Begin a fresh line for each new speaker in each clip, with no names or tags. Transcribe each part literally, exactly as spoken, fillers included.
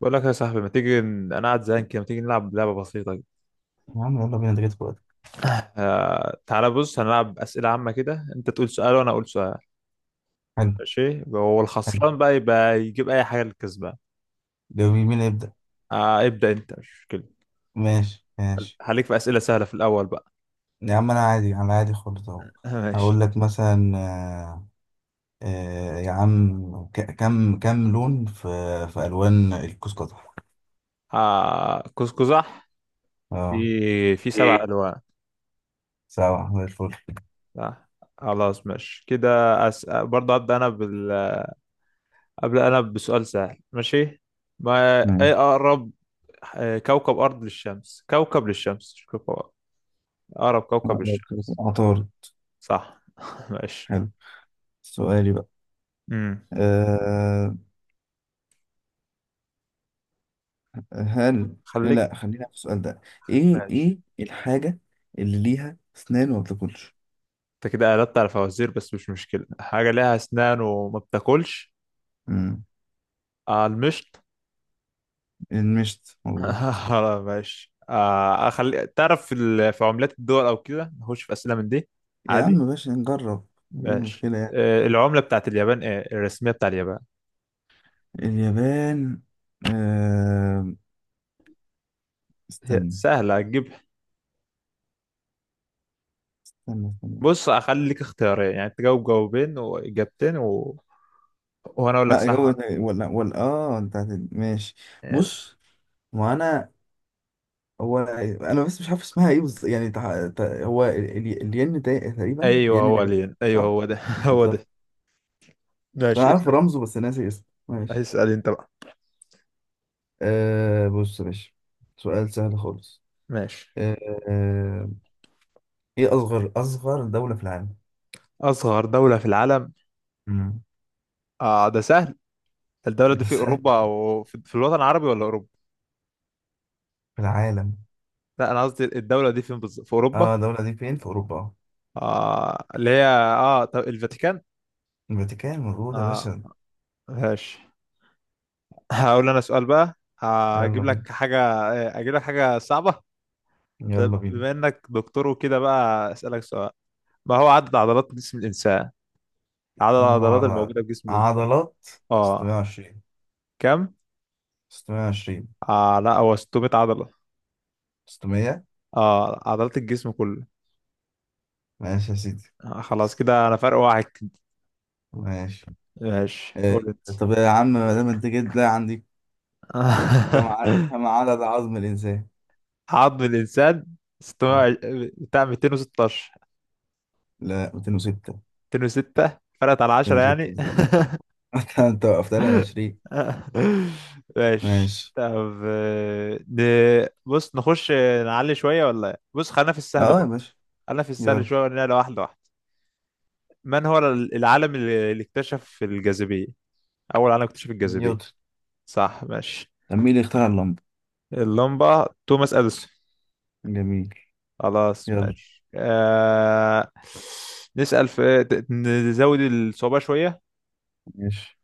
بقول لك يا صاحبي، ما تيجي ن- انا قاعد زهقان كده، ما تيجي نلعب لعبه بسيطه كده.
يا عم يلا بينا ده جت في وقتك.
آه، تعالى بص هنلعب اسئله عامه كده، انت تقول سؤال وانا اقول سؤال.
حلو.
ماشي، هو
حلو.
الخسران بقى يبقى يجيب اي حاجه للكسبان.
جميل، مين يبدأ؟
آه ابدا انت، مش مشكله.
ماشي ماشي
هليك في اسئله سهله في الاول بقى.
يا عم أنا عادي على عادي خالص أهو. هقول
ماشي.
لك مثلا آه آه يا عم ك- كم كم لون في في ألوان الكوس قزح؟
آه كوسكوزح
اه.
في في سبع
إيه.
الوان.
سبعة زي الفل.
صح. خلاص ماشي كده. أس... برضه ابدا انا بال... ابدا انا بسؤال سهل، ماشي. ما ايه
ماشي.
اقرب؟ آه، كوكب ارض للشمس، كوكب للشمس مش كوكب. أقرب كوكب للشمس.
عطار.
صح. ماشي.
حلو. سؤالي بقى.
امم.
أه. هل،
خليك.
لا خلينا في السؤال ده. ايه
ماشي.
ايه الحاجة اللي ليها اسنان وما بتاكلش؟
أنت كده قلبت على فوازير، بس مش مشكلة. حاجة ليها أسنان وما بتاكلش؟
مم،
آه، المشط.
المشط مظبوط.
آه، ماشي. آه أخلي تعرف في ال- في عملات الدول أو كده، نخش في أسئلة من دي.
يا عم
عادي.
ماشي نجرب. ايه
ماشي،
المشكلة يعني؟
آه العملة بتاعت اليابان إيه الرسمية بتاع اليابان؟
اليابان. آه...
هي
استنى.
سهلة هتجيب.
استنى استنى
بص أخليك اختيارين، يعني تجاوب جاوبين وإجابتين و... وأنا أقول لك
اه جو.
صح.
ولا ولا اه انت هت- ماشي.
يعني
بص، ما انا، هو انا بس مش عارف اسمها ايه، بس يعني تع... تع... هو ال- ال- الين تا- تقريبا
أيوه
الين
هو
الياباني.
لين، أيوه
صح.
هو ده هو ده.
بالظبط. انا
ماشي،
عارف
اسأل.
رمزه بس ناسي اسمه، ماشي.
اسأل انت بقى.
آه... بص يا باشا، سؤال سهل خالص.
ماشي،
آه... آه، ايه اصغر اصغر دولة في العالم؟
أصغر دولة في العالم.
مم.
آه ده سهل. الدولة دي
ده
في
سهل.
أوروبا أو في, في الوطن العربي ولا أوروبا؟
في العالم.
لا، أنا قصدي الدولة دي فين بالظبط؟ في أوروبا؟
اه الدولة دي فين، في أوروبا؟
آه، اللي هي آه طب الفاتيكان؟
الفاتيكان مظبوط يا
آه.
باشا.
ماشي. هقول أنا سؤال بقى. آه،
يلا
أجيب
بينا.
لك حاجة آه، أجيب لك حاجة صعبة. طب
يلا بينا.
بما إنك دكتور وكده بقى، أسألك سؤال. ما هو عدد عضلات جسم الإنسان؟ عدد
إن هو
العضلات
على
الموجودة في جسم الإنسان؟
عضلات
آه.
ستمية وعشرين.
كم؟
ستمية وعشرين.
آه، لا هو ستمية عضلة.
ستمية.
آه عضلات الجسم كله.
ماشي يا سيدي.
آه، خلاص كده انا فرق واحد كده.
ماشي.
ماشي،
إيه.
قول انت.
طب يا عم ما دام أنت جيت ده عندي، كم ع- كم عدد عظم الإنسان؟
عظم الانسان
ع-
ستمية، بتاع ميتين وستاشر،
لا مياتين وستة.
ميتين وستة، فرقت على عشرة
مئتين وستة
يعني.
بالظبط. أنت أنت وقفت لي على عشرين.
ماشي،
ماشي.
طب آه، ن- بص نخش، نعلي شوية ولا إيه؟ بص خلينا في السهل
اه يا
برضه.
باشا.
خلينا في السهل
يلا.
شوية ونعلى واحدة واحدة. من هو ال- العالم اللي اللي اكتشف الجاذبية؟ أول عالم اكتشف الجاذبية.
نيوتن.
صح، ماشي.
طب مين اللي اخترع اللمبة؟
اللمبة توماس أديسون.
جميل.
خلاص،
يلا.
ماشي. آه... نسأل في ت- نزود الصعوبة شوية.
ماشي.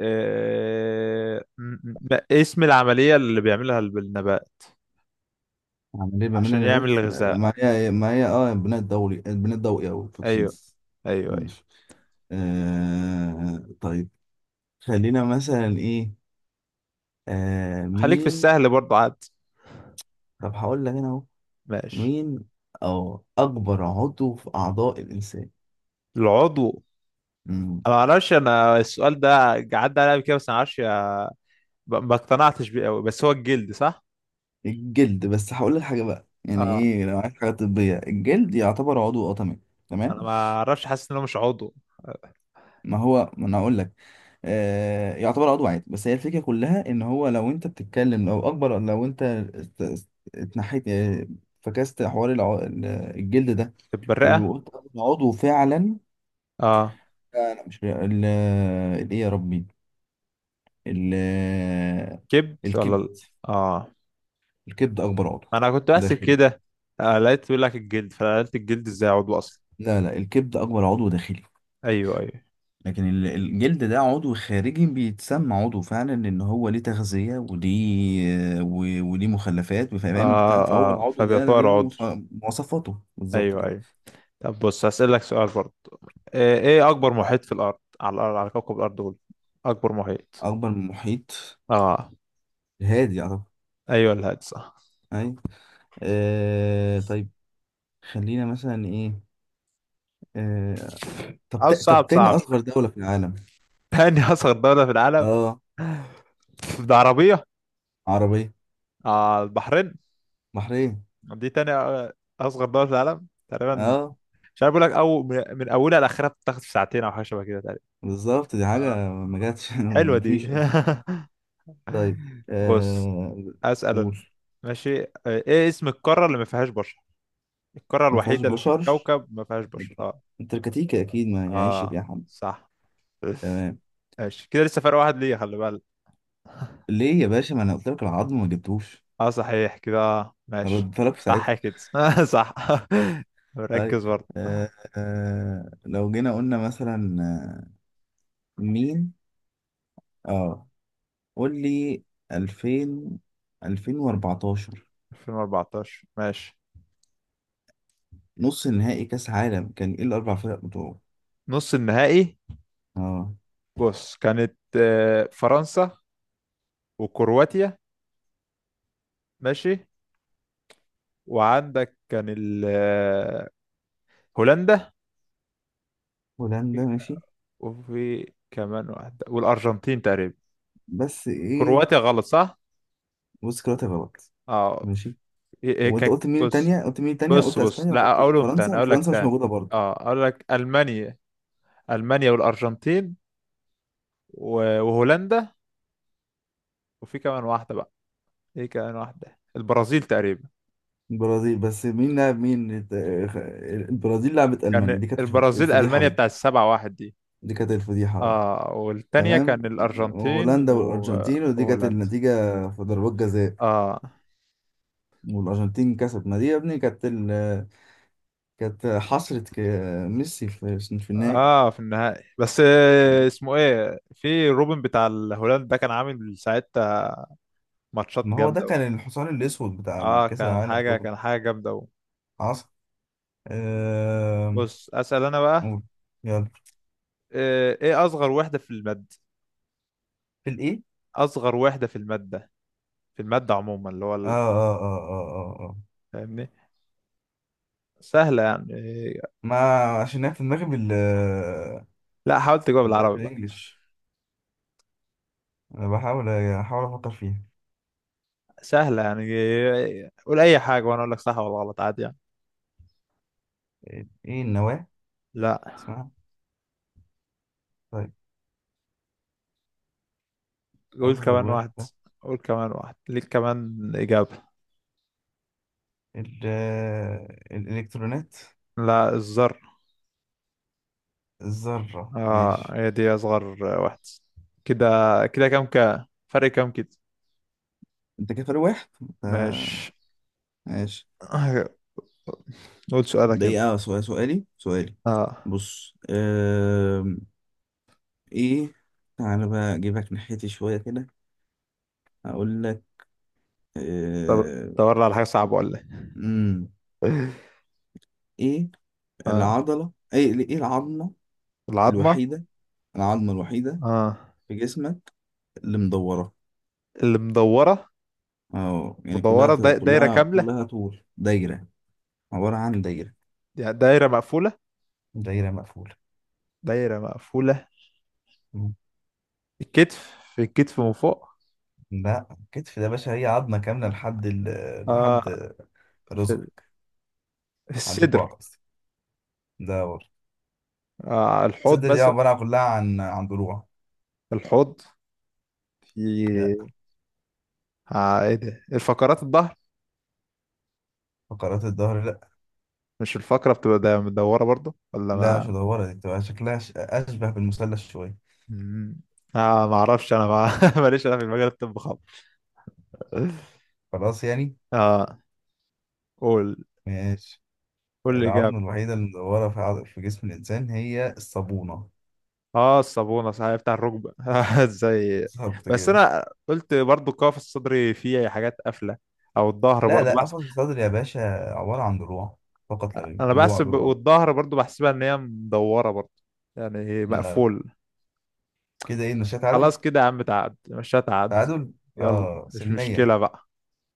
آه... م- م- ما اسم العملية اللي بيعملها الب- النبات
عامل ايه بميل
عشان
اللي
يعمل
بس
الغذاء؟
ما هي ما هي اه بناء الضوئي، البناء الضوئي او
أيوه،
الفوتوسينثيسيس.
أيوه أيوه.
ماشي. آه طيب، خلينا مثلا ايه. آه
خليك في
مين.
السهل برضه عاد.
طب هقول لك انا اهو.
ماشي،
مين او اكبر عضو في اعضاء الانسان؟
العضو.
مم.
أنا معرفش أنا السؤال ده، عدى عليا قبل كده، بس أنا معرفش. ما ما اقتنعتش بيه أوي، بس هو الجلد صح؟
الجلد، بس هقول لك حاجه بقى، يعني
أه.
ايه لو عايز حاجه طبيه الجلد يعتبر عضو اه، تمام.
أنا
تمام.
ما أعرفش، حاسس إنه مش عضو.
ما هو ما انا اقول لك. آه يعتبر عضو عادي، بس هي الفكره كلها ان هو لو انت بتتكلم لو اكبر لو انت ات- ات- اتنحيت آه، فكست حوار الع- ال- الجلد ده
البرقة.
وقلت أنا عضو فعلا.
أه،
لا لا مش ال- الايه يا ربي، ال-
كبد ولا
الكبد.
ال- اه،
الكبد اكبر عضو
ما انا كنت بحسب
داخلي.
كده. آه، لقيت بيقول لك الجلد، فقلت الجلد ازاي عضو اصلا.
لا لا الكبد اكبر عضو داخلي،
ايوه ايوه.
لكن ال- الجلد ده عضو خارجي بيتسمى عضو فعلا ان هو ليه تغذية وليه و- وليه مخلفات فاهم بتاع،
اه
فهو
اه،
العضو ده
فبيعتبر
ليه
عضو.
مخ- مواصفاته بالظبط
ايوه
كده.
ايوه. طب بص هسألك سؤال برضه. آه، ايه اكبر محيط في الارض، على الارض، على كوكب الارض، قول. اكبر محيط.
اكبر من المحيط
اه.
الهادي اعتقد.
ايوه الهادي صح.
ايوه. آه طيب، خلينا مثلا ايه. آه طب
او
تا- طب
صعب،
تاني
صعب
اصغر
شويه.
دولة في العالم.
تاني اصغر دوله في العالم.
اه
ده عربيه.
عربية.
اه البحرين.
بحرين.
دي تاني آه، اصغر دوله في العالم تقريبا.
اه
مش عارف اقول لك، او من من اولها لاخرها بتاخد في ساعتين او حاجه شبه كده تقريبا.
بالظبط، دي
آه.
حاجة ما
آه.
جاتش
حلوه دي.
مفيش اصلا. طيب.
بص
آه.
اسال أنا.
قول.
ماشي، آه ايه اسم القاره اللي ما فيهاش بشر؟ القاره
ما فيهاش
الوحيده اللي في
بشر،
الكوكب ما فيهاش بشر، اه.
التركتيكة أكيد ما يعيش
اه،
فيها حد.
صح.
تمام.
ماشي كده، لسه فرق واحد ليا، خلي بالك.
ليه يا باشا، ما أنا قلت لك العظم ما جبتوش،
اه صحيح كده، آه ماشي.
رد لك في
صح
ساعتها.
كده. صح.
طيب.
ركز برضه.
آه آه لو جينا قلنا مثلا آه، مين اه قول لي ألفين، ألفين وأربعة عشر
ألفين وأربعتاشر ماشي،
نص نهائي كأس عالم كان ايه الأربع فرق بتوعه؟
نص النهائي.
اه.
بص، كانت آه، فرنسا، وكرواتيا. ماشي، وعندك كان ال- آه، هولندا.
هولندا ماشي.
وفي كمان واحدة، والأرجنتين تقريبا.
بس ايه،
كرواتيا غلط صح؟
بص كرات غلط.
اه.
ماشي.
إيه إيه
وانت
كان،
قلت مين
بص
التانية، قلت مين التانية،
بص
قلت
بص،
اسبانيا ولا
لا
قلت ايه،
أقولهم تاني،
فرنسا؟
أقول لك
فرنسا مش
تاني.
موجودة برضه.
اه، أقول لك ألمانيا. ألمانيا والأرجنتين و- وهولندا. وفي كمان واحدة بقى. ايه كمان واحدة؟ البرازيل تقريبا.
البرازيل. بس مين لعب مين الت- البرازيل لعبت ألمانيا،
كان
دي كانت الفض-
البرازيل
الفضيحة
ألمانيا
دي.
بتاع السبعة واحد دي.
دي كانت الفضيحة اه.
اه، والتانية
تمام.
كان الأرجنتين
هولندا
و-
والأرجنتين، ودي كانت
وهولندا.
النتيجة في ضربات جزاء
اه
والأرجنتين كسبت، ما دي يا ابني كانت ال... كانت حصرة ك- ميسي في في النهائي.
اه، في النهائي، بس آه، اسمه ايه في روبن بتاع الهولند ده كان عامل ساعتها ماتشات
ما هو ده
جامده قوي.
كان الحصان الأسود بتاع
اه،
الكأس
كان
العالم
حاجه
برضه.
كان حاجه جامده قوي.
حصل. آه...
بص اسال انا بقى.
قول. يلا.
آه، ايه اصغر وحده في الماده؟
في الإيه؟
اصغر وحده في الماده، في الماده عموما اللي هو
آه
ال-
آه آه آه آه آه.
فاهمني؟ سهله يعني. آه.
ما، عشان هي في دماغي بال،
لا، حاولت تجاوب بالعربي بقى.
بالإنجلش. أنا بحاول أحاول أفكر فيها.
سهله يعني. آه، قول اي حاجه وانا اقول لك صح ولا غلط، عادي يعني.
إيه النواة
لا.
اسمها؟ طيب.
قول
أصغر
كمان واحد.
واحدة.
قول كمان واحد، ليك كمان اجابه.
ال آه، الإلكترونات.
لا، الذره.
الذرة
اه،
ماشي.
هي دي اصغر واحدة. كده، كده كام، كا فرق كام كده.
أنت كده فارق واحد. آه،
ماشي.
ماشي.
قول سؤالك يلا.
دقيقة سؤال، سؤالي سؤالي
اه،
بص. آم، إيه، تعالى بقى أجيبك ناحيتي شوية كده. هقول لك
طب
آه،
دور على حاجة صعبة ولا ايه.
مم، إيه
اه،
العضلة، إيه إيه العظمة
العظمة.
الوحيدة، العظمة الوحيدة
اه،
في جسمك اللي مدورة؟
اللي مدورة.
اه يعني كلها
مدورة، دا- دايرة
كلها
كاملة،
كلها طول دايرة. عبارة عن دايرة.
يعني دايرة مقفولة.
دايرة مقفولة.
دايرة مقفولة.
مم.
الكتف، في الكتف من فوق.
لا الكتف ده يا باشا هي عظمة كاملة لحد ال...
اه،
لحد
في
رزقك،
في
عند كوعك
الصدر.
قصدي، ده ورا.
آه الحوض
الصدر دي
مثلا.
عبارة كلها عن عن ضلوع.
الحوض.
لا.
في. آه ايه ده، الفقرات الظهر.
فقرات الظهر لا.
مش الفقرة بتبقى دا- مدورة برضو ولا
لا
ما؟
مش مدورة، دي بتبقى شكلها ش- أشبه بالمثلث شوية.
مم. آه ما اعرفش انا ما... ماليش انا في المجال الطب خالص.
خلاص يعني.
اه، قول.
ماشي.
قول
العظمة
الاجابه.
الوحيدة اللي مدورة في عض... في جسم الإنسان هي الصابونة.
اه الصابونه صحيح بتاع الركبه. ازاي!
بالظبط
بس
كده.
انا قلت برضو القفص الصدري فيه حاجات قافله، او الظهر
لا
برضو
لا،
بحس،
قفص الصدر يا باشا عبارة عن ضلوع، فقط لا غير،
انا
ضلوع
بحسب
ضلوع.
والظهر برضو بحسبها ان هي مدوره برضو، يعني
لا.
مقفول.
كده ايه، نشاء تعادل.
خلاص كده يا عم، تعاد مش هتعد.
تعادل.
يلا
اه
مش
سلمية.
مشكله بقى.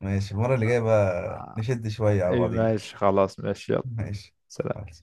ماشي المرة اللي جاية بقى
آه،
نشد شوية على
ايه
بعضين.
ماشي، خلاص ماشي، يلا.
ماشي.
سلام.
خلاص.